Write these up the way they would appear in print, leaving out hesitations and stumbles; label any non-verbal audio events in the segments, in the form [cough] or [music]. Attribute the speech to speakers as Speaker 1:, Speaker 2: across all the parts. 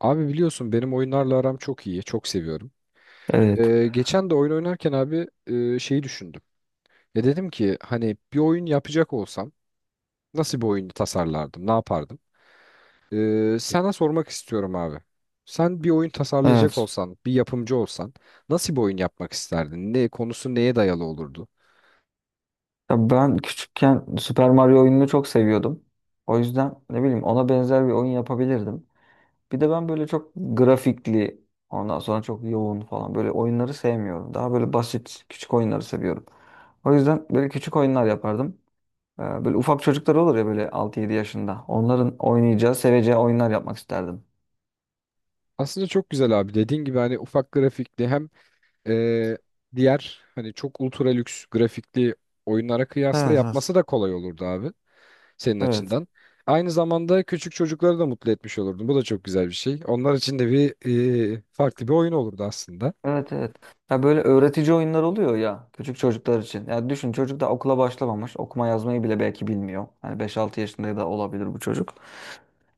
Speaker 1: Abi biliyorsun benim oyunlarla aram çok iyi. Çok seviyorum.
Speaker 2: Evet.
Speaker 1: Geçen de oyun oynarken abi şeyi düşündüm. Ya dedim ki hani bir oyun yapacak olsam nasıl bir oyunu tasarlardım? Ne yapardım? Sana sormak istiyorum abi. Sen bir oyun tasarlayacak
Speaker 2: Evet.
Speaker 1: olsan, bir yapımcı olsan nasıl bir oyun yapmak isterdin? Ne konusu neye dayalı olurdu?
Speaker 2: Ya ben küçükken Super Mario oyununu çok seviyordum. O yüzden ne bileyim ona benzer bir oyun yapabilirdim. Bir de ben böyle çok grafikli, ondan sonra çok yoğun falan böyle oyunları sevmiyorum. Daha böyle basit küçük oyunları seviyorum. O yüzden böyle küçük oyunlar yapardım. Böyle ufak çocuklar olur ya böyle 6-7 yaşında. Onların oynayacağı, seveceği oyunlar yapmak isterdim.
Speaker 1: Aslında çok güzel abi. Dediğin gibi hani ufak grafikli hem e, diğer hani çok ultra lüks grafikli oyunlara kıyasla
Speaker 2: Evet, evet.
Speaker 1: yapması da kolay olurdu abi, senin
Speaker 2: Evet.
Speaker 1: açından. Aynı zamanda küçük çocukları da mutlu etmiş olurdun. Bu da çok güzel bir şey. Onlar için de bir farklı bir oyun olurdu aslında.
Speaker 2: Evet evet. Ya böyle öğretici oyunlar oluyor ya küçük çocuklar için. Ya düşün çocuk da okula başlamamış. Okuma yazmayı bile belki bilmiyor. Hani 5-6 yaşında da olabilir bu çocuk.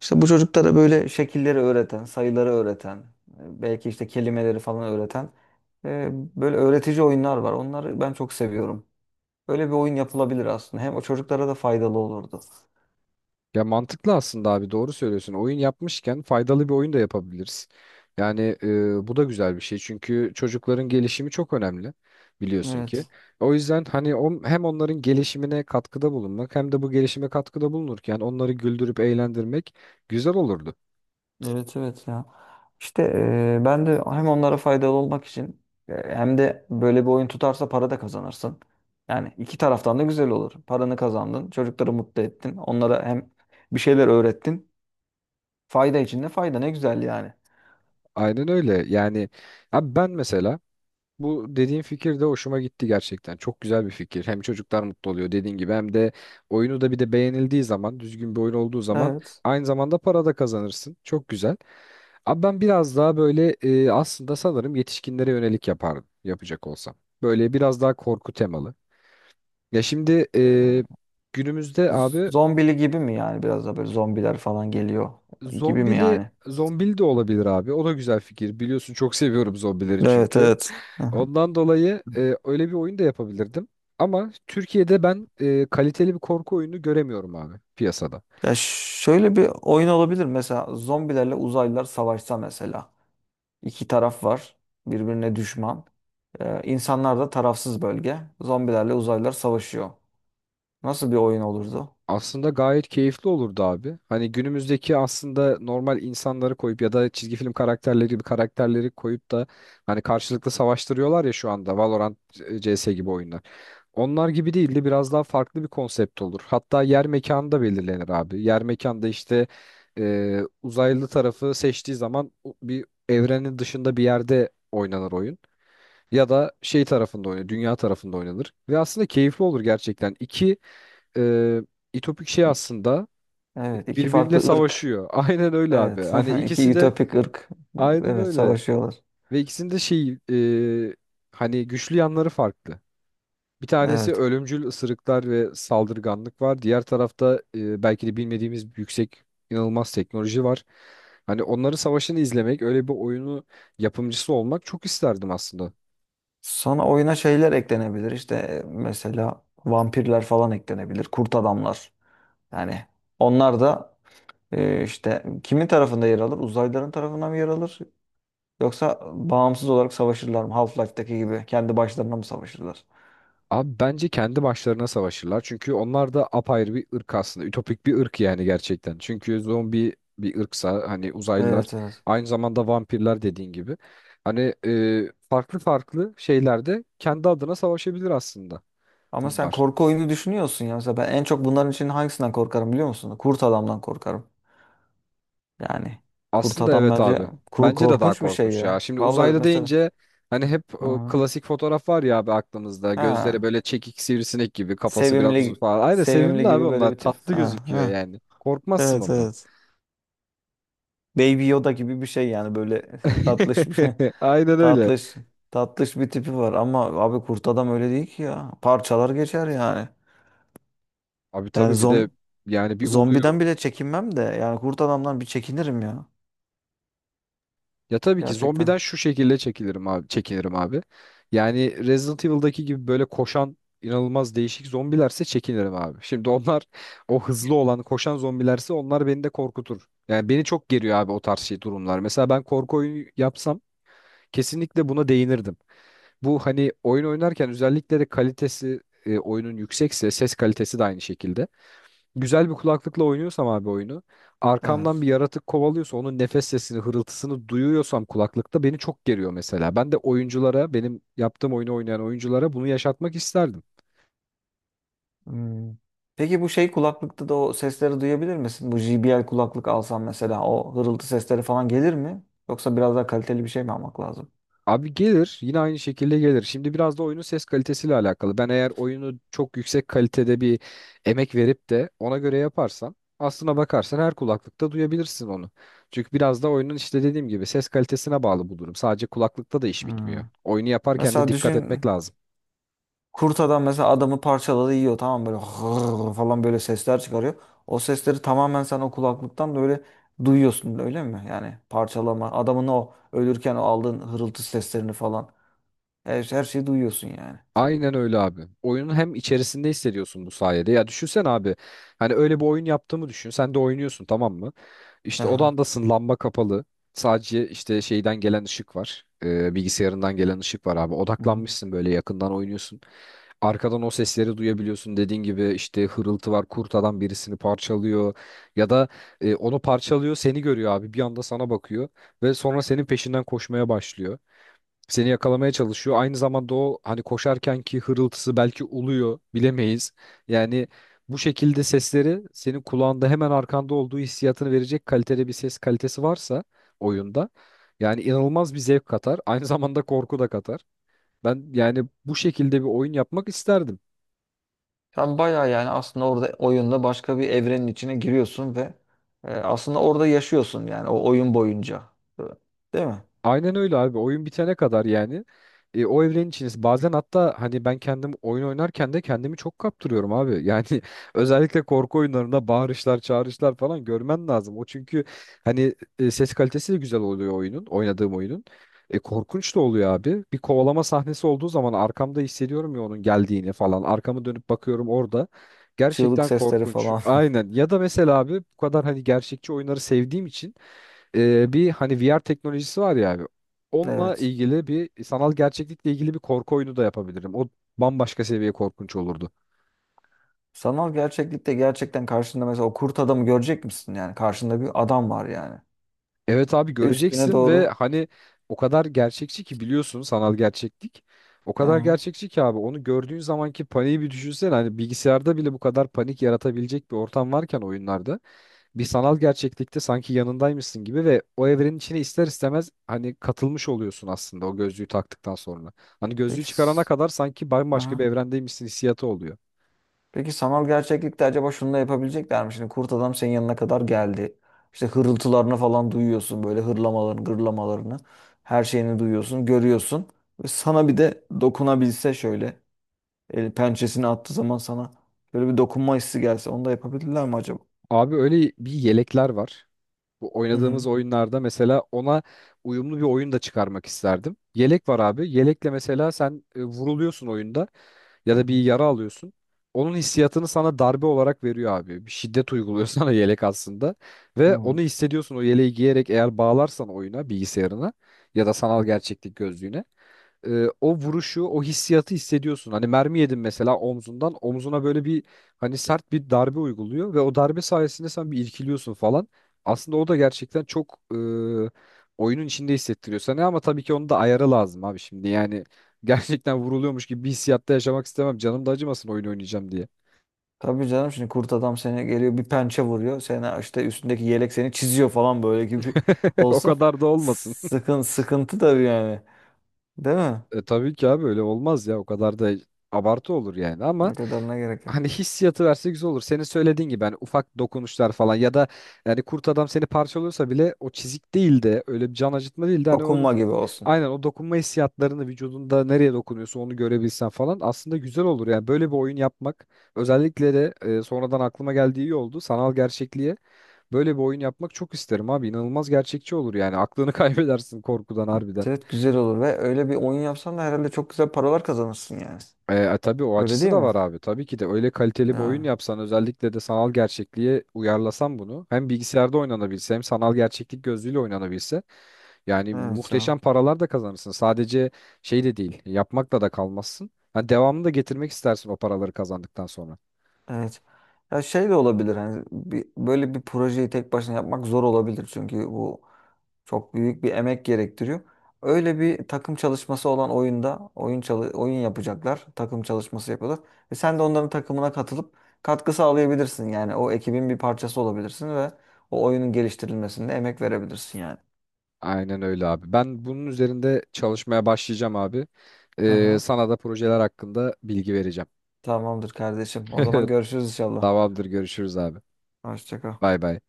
Speaker 2: İşte bu çocuklara böyle şekilleri öğreten, sayıları öğreten, belki işte kelimeleri falan öğreten böyle öğretici oyunlar var. Onları ben çok seviyorum. Böyle bir oyun yapılabilir aslında. Hem o çocuklara da faydalı olurdu.
Speaker 1: Ya mantıklı aslında abi, doğru söylüyorsun. Oyun yapmışken faydalı bir oyun da yapabiliriz. Yani bu da güzel bir şey. Çünkü çocukların gelişimi çok önemli, biliyorsun ki.
Speaker 2: Evet.
Speaker 1: O yüzden hem onların gelişimine katkıda bulunmak hem de bu gelişime katkıda bulunurken onları güldürüp eğlendirmek güzel olurdu.
Speaker 2: Evet evet ya. İşte ben de hem onlara faydalı olmak için hem de böyle bir oyun tutarsa para da kazanırsın. Yani iki taraftan da güzel olur. Paranı kazandın, çocukları mutlu ettin. Onlara hem bir şeyler öğrettin. Fayda içinde fayda ne güzel yani.
Speaker 1: Aynen öyle. Yani abi ben mesela bu dediğin fikir de hoşuma gitti gerçekten. Çok güzel bir fikir. Hem çocuklar mutlu oluyor dediğin gibi hem de oyunu da bir de beğenildiği zaman, düzgün bir oyun olduğu zaman
Speaker 2: Evet.
Speaker 1: aynı zamanda para da kazanırsın. Çok güzel. Abi ben biraz daha böyle aslında sanırım yetişkinlere yönelik yapardım yapacak olsam. Böyle biraz daha korku temalı. Ya şimdi
Speaker 2: E,
Speaker 1: günümüzde abi.
Speaker 2: zombili gibi mi yani biraz da böyle zombiler falan geliyor gibi mi
Speaker 1: Zombili,
Speaker 2: yani?
Speaker 1: zombili de olabilir abi. O da güzel fikir. Biliyorsun çok seviyorum zombileri
Speaker 2: Evet
Speaker 1: çünkü.
Speaker 2: evet. Hı hı.
Speaker 1: Ondan dolayı öyle bir oyun da yapabilirdim. Ama Türkiye'de ben kaliteli bir korku oyunu göremiyorum abi piyasada.
Speaker 2: Ya şöyle bir oyun olabilir mesela zombilerle uzaylılar savaşsa mesela. İki taraf var birbirine düşman. İnsanlar da tarafsız bölge. Zombilerle uzaylılar savaşıyor. Nasıl bir oyun olurdu?
Speaker 1: Aslında gayet keyifli olurdu abi. Hani günümüzdeki aslında normal insanları koyup ya da çizgi film karakterleri gibi karakterleri koyup da hani karşılıklı savaştırıyorlar ya şu anda Valorant, CS gibi oyunlar. Onlar gibi değil de biraz daha farklı bir konsept olur. Hatta yer mekanı da belirlenir abi. Yer mekanda işte uzaylı tarafı seçtiği zaman bir evrenin dışında bir yerde oynanır oyun. Ya da şey tarafında oynanır, dünya tarafında oynanır. Ve aslında keyifli olur gerçekten. İki e, İtopik şey
Speaker 2: İki,
Speaker 1: aslında
Speaker 2: evet, iki
Speaker 1: birbiriyle
Speaker 2: farklı ırk.
Speaker 1: savaşıyor. [laughs] Aynen öyle abi.
Speaker 2: Evet,
Speaker 1: Hani
Speaker 2: [laughs] iki
Speaker 1: ikisi de
Speaker 2: ütopik ırk.
Speaker 1: aynen
Speaker 2: Evet,
Speaker 1: öyle.
Speaker 2: savaşıyorlar.
Speaker 1: Ve ikisinin de şey, e, hani güçlü yanları farklı. Bir tanesi
Speaker 2: Evet.
Speaker 1: ölümcül ısırıklar ve saldırganlık var. Diğer tarafta belki de bilmediğimiz yüksek inanılmaz teknoloji var. Hani onların savaşını izlemek, öyle bir oyunu yapımcısı olmak çok isterdim aslında.
Speaker 2: Sonra oyuna şeyler eklenebilir. İşte mesela vampirler falan eklenebilir. Kurt adamlar. Yani onlar da işte kimin tarafında yer alır? Uzaylıların tarafına mı yer alır? Yoksa bağımsız olarak savaşırlar mı? Half-Life'daki gibi kendi başlarına mı savaşırlar?
Speaker 1: Abi bence kendi başlarına savaşırlar. Çünkü onlar da apayrı bir ırk aslında. Ütopik bir ırk yani gerçekten. Çünkü zombi bir ırksa hani uzaylılar
Speaker 2: Evet evet.
Speaker 1: aynı zamanda vampirler dediğin gibi. Hani farklı farklı şeylerde kendi adına savaşabilir aslında
Speaker 2: Ama sen
Speaker 1: bunlar.
Speaker 2: korku oyunu düşünüyorsun ya. Mesela ben en çok bunların için hangisinden korkarım biliyor musun? Kurt adamdan korkarım. Yani kurt
Speaker 1: Aslında
Speaker 2: adam
Speaker 1: evet
Speaker 2: bence
Speaker 1: abi. Bence de daha
Speaker 2: korkunç bir şey
Speaker 1: korkunç
Speaker 2: ya.
Speaker 1: ya. Şimdi
Speaker 2: Vallahi
Speaker 1: uzaylı
Speaker 2: mesela
Speaker 1: deyince hani hep o
Speaker 2: ha,
Speaker 1: klasik fotoğraf var ya abi aklımızda. Gözleri
Speaker 2: ha,
Speaker 1: böyle çekik sivrisinek gibi, kafası biraz uzun
Speaker 2: sevimli
Speaker 1: falan. Aynen
Speaker 2: sevimli
Speaker 1: sevimli abi,
Speaker 2: gibi böyle
Speaker 1: onlar
Speaker 2: bir tip.
Speaker 1: tatlı
Speaker 2: Ha,
Speaker 1: gözüküyor
Speaker 2: ha.
Speaker 1: yani. Korkmazsın
Speaker 2: Evet
Speaker 1: ondan.
Speaker 2: evet. Baby Yoda gibi bir şey yani böyle [laughs] tatlış bir
Speaker 1: [laughs] Aynen öyle.
Speaker 2: tatlış tatlış bir tipi var ama abi kurt adam öyle değil ki ya. Parçalar geçer yani.
Speaker 1: Abi
Speaker 2: Yani
Speaker 1: tabii bir de yani bir oluyor.
Speaker 2: zombiden bile çekinmem de yani kurt adamdan bir çekinirim ya.
Speaker 1: Ya tabii ki
Speaker 2: Gerçekten.
Speaker 1: zombiden şu şekilde çekilirim abi, çekinirim abi. Yani Resident Evil'daki gibi böyle koşan inanılmaz değişik zombilerse çekinirim abi. Şimdi onlar o hızlı olan koşan zombilerse onlar beni de korkutur. Yani beni çok geriyor abi o tarz şey durumlar. Mesela ben korku oyunu yapsam kesinlikle buna değinirdim. Bu hani oyun oynarken özellikle de kalitesi oyunun yüksekse ses kalitesi de aynı şekilde, güzel bir kulaklıkla oynuyorsam abi oyunu arkamdan
Speaker 2: Evet.
Speaker 1: bir yaratık kovalıyorsa onun nefes sesini hırıltısını duyuyorsam kulaklıkta beni çok geriyor mesela. Ben de oyunculara, benim yaptığım oyunu oynayan oyunculara bunu yaşatmak isterdim.
Speaker 2: Hmm. Peki bu şey kulaklıkta da o sesleri duyabilir misin? Bu JBL kulaklık alsam mesela o hırıltı sesleri falan gelir mi? Yoksa biraz daha kaliteli bir şey mi almak lazım?
Speaker 1: Abi gelir, yine aynı şekilde gelir. Şimdi biraz da oyunun ses kalitesiyle alakalı. Ben eğer oyunu çok yüksek kalitede bir emek verip de ona göre yaparsam aslına bakarsan her kulaklıkta duyabilirsin onu. Çünkü biraz da oyunun işte dediğim gibi ses kalitesine bağlı bu durum. Sadece kulaklıkta da iş bitmiyor.
Speaker 2: Hmm.
Speaker 1: Oyunu yaparken de
Speaker 2: Mesela
Speaker 1: dikkat
Speaker 2: düşün
Speaker 1: etmek lazım.
Speaker 2: kurt adam mesela adamı parçaladı yiyor, tamam mı? Böyle [laughs] hırr falan böyle sesler çıkarıyor. O sesleri tamamen sen o kulaklıktan da öyle duyuyorsun öyle mi? Yani parçalama adamın o ölürken o aldığın hırıltı seslerini falan her şeyi duyuyorsun yani.
Speaker 1: Aynen öyle abi. Oyunun hem içerisinde hissediyorsun bu sayede. Ya düşünsen abi. Hani öyle bir oyun yaptığımı düşün. Sen de oynuyorsun, tamam mı? İşte
Speaker 2: Aha.
Speaker 1: odandasın, lamba kapalı. Sadece işte şeyden gelen ışık var. Bilgisayarından gelen ışık var abi. Odaklanmışsın böyle, yakından oynuyorsun. Arkadan o sesleri duyabiliyorsun. Dediğin gibi işte hırıltı var. Kurt adam birisini parçalıyor. Ya da onu parçalıyor, seni görüyor abi. Bir anda sana bakıyor. Ve sonra senin peşinden koşmaya başlıyor. Seni yakalamaya çalışıyor. Aynı zamanda o hani koşarken ki hırıltısı, belki uluyor bilemeyiz. Yani bu şekilde sesleri senin kulağında hemen arkanda olduğu hissiyatını verecek kalitede bir ses kalitesi varsa oyunda, yani inanılmaz bir zevk katar. Aynı zamanda korku da katar. Ben yani bu şekilde bir oyun yapmak isterdim.
Speaker 2: Sen bayağı yani aslında orada oyunda başka bir evrenin içine giriyorsun ve aslında orada yaşıyorsun yani o oyun boyunca. Değil mi?
Speaker 1: Aynen öyle abi. Oyun bitene kadar yani o evrenin içindesin. Bazen hatta hani ben kendim oyun oynarken de kendimi çok kaptırıyorum abi. Yani [laughs] özellikle korku oyunlarında bağırışlar, çağrışlar falan görmen lazım. O çünkü hani ses kalitesi de güzel oluyor oyunun, oynadığım oyunun. Korkunç da oluyor abi. Bir kovalama sahnesi olduğu zaman arkamda hissediyorum ya onun geldiğini falan. Arkamı dönüp bakıyorum orada.
Speaker 2: Çığlık
Speaker 1: Gerçekten
Speaker 2: sesleri
Speaker 1: korkunç.
Speaker 2: falan. [laughs]
Speaker 1: Aynen. Ya da mesela abi bu kadar hani gerçekçi oyunları sevdiğim için bir hani VR teknolojisi var ya abi. Onunla
Speaker 2: Evet.
Speaker 1: ilgili bir, sanal gerçeklikle ilgili bir korku oyunu da yapabilirim. O bambaşka seviye korkunç olurdu.
Speaker 2: Sanal gerçeklikte gerçekten karşında mesela o kurt adamı görecek misin yani? Karşında bir adam var yani.
Speaker 1: Evet abi,
Speaker 2: Üstüne
Speaker 1: göreceksin ve
Speaker 2: doğru.
Speaker 1: hani o kadar gerçekçi ki, biliyorsun sanal gerçeklik. O kadar
Speaker 2: Aha.
Speaker 1: gerçekçi ki abi, onu gördüğün zamanki paniği bir düşünsene. Hani bilgisayarda bile bu kadar panik yaratabilecek bir ortam varken oyunlarda, bir sanal gerçeklikte sanki yanındaymışsın gibi ve o evrenin içine ister istemez hani katılmış oluyorsun aslında o gözlüğü taktıktan sonra. Hani
Speaker 2: Peki.
Speaker 1: gözlüğü çıkarana kadar sanki bambaşka bir
Speaker 2: Aha.
Speaker 1: evrendeymişsin hissiyatı oluyor.
Speaker 2: Peki sanal gerçeklikte acaba şunu da yapabilecekler mi? Şimdi kurt adam senin yanına kadar geldi. İşte hırıltılarını falan duyuyorsun. Böyle hırlamalarını, gırlamalarını. Her şeyini duyuyorsun, görüyorsun. Ve sana bir de dokunabilse şöyle. El pençesini attığı zaman sana böyle bir dokunma hissi gelse. Onu da yapabilirler mi acaba?
Speaker 1: Abi öyle bir yelekler var. Bu
Speaker 2: Hı
Speaker 1: oynadığımız
Speaker 2: hı.
Speaker 1: oyunlarda mesela ona uyumlu bir oyun da çıkarmak isterdim. Yelek var abi. Yelekle mesela sen vuruluyorsun oyunda, ya
Speaker 2: Hı
Speaker 1: da bir
Speaker 2: hı.
Speaker 1: yara alıyorsun. Onun hissiyatını sana darbe olarak veriyor abi. Bir şiddet uyguluyor [laughs] sana yelek aslında. Ve
Speaker 2: Hı.
Speaker 1: onu hissediyorsun o yeleği giyerek. Eğer bağlarsan oyuna, bilgisayarına ya da sanal gerçeklik gözlüğüne, o vuruşu, o hissiyatı hissediyorsun. Hani mermi yedin mesela omzundan, omzuna böyle bir hani sert bir darbe uyguluyor ve o darbe sayesinde sen bir irkiliyorsun falan. Aslında o da gerçekten çok oyunun içinde hissettiriyor sana, ama tabii ki onun da ayarı lazım abi şimdi. Yani [laughs] gerçekten vuruluyormuş gibi bir hissiyatta yaşamak istemem. Canım da acımasın oyun oynayacağım diye.
Speaker 2: Tabii canım, şimdi kurt adam seni geliyor bir pençe vuruyor. Seni işte üstündeki yelek seni çiziyor falan böyle gibi [laughs]
Speaker 1: [laughs] O
Speaker 2: olsa.
Speaker 1: kadar da olmasın.
Speaker 2: Sıkıntı tabii yani. Değil mi?
Speaker 1: Tabii ki abi öyle olmaz ya, o kadar da abartı olur yani,
Speaker 2: O
Speaker 1: ama
Speaker 2: kadarına gerek yok.
Speaker 1: hani hissiyatı verse güzel olur. Senin söylediğin gibi hani ufak dokunuşlar falan, ya da yani kurt adam seni parçalıyorsa bile o çizik değil de, öyle bir can acıtma değil de, hani onu
Speaker 2: Dokunma gibi olsun.
Speaker 1: aynen o dokunma hissiyatlarını vücudunda nereye dokunuyorsa onu görebilsen falan aslında güzel olur. Yani böyle bir oyun yapmak, özellikle de sonradan aklıma geldiği iyi oldu, sanal gerçekliğe böyle bir oyun yapmak çok isterim abi, inanılmaz gerçekçi olur yani, aklını [laughs] kaybedersin korkudan harbiden.
Speaker 2: Evet, güzel olur ve öyle bir oyun yapsan da herhalde çok güzel paralar kazanırsın yani.
Speaker 1: Tabii o
Speaker 2: Öyle
Speaker 1: açısı
Speaker 2: değil
Speaker 1: da
Speaker 2: mi?
Speaker 1: var abi. Tabii ki de öyle kaliteli bir
Speaker 2: Yani
Speaker 1: oyun yapsan, özellikle de sanal gerçekliğe uyarlasan bunu, hem bilgisayarda oynanabilse hem sanal gerçeklik gözlüğüyle oynanabilse yani
Speaker 2: evet
Speaker 1: muhteşem
Speaker 2: ya.
Speaker 1: paralar da kazanırsın. Sadece şey de değil, yapmakla da kalmazsın. Ha, devamını da getirmek istersin o paraları kazandıktan sonra.
Speaker 2: Evet. Ya şey de olabilir, hani böyle bir projeyi tek başına yapmak zor olabilir çünkü bu çok büyük bir emek gerektiriyor. Öyle bir takım çalışması olan oyunda oyun yapacaklar. Takım çalışması yapıyorlar. Ve sen de onların takımına katılıp katkı sağlayabilirsin. Yani o ekibin bir parçası olabilirsin ve o oyunun geliştirilmesinde emek verebilirsin yani.
Speaker 1: Aynen öyle abi. Ben bunun üzerinde çalışmaya başlayacağım abi.
Speaker 2: Hı hı.
Speaker 1: Sana da projeler hakkında bilgi vereceğim.
Speaker 2: Tamamdır kardeşim. O zaman
Speaker 1: [laughs]
Speaker 2: görüşürüz inşallah.
Speaker 1: Tamamdır, görüşürüz abi.
Speaker 2: Hoşça kal.
Speaker 1: Bay bay.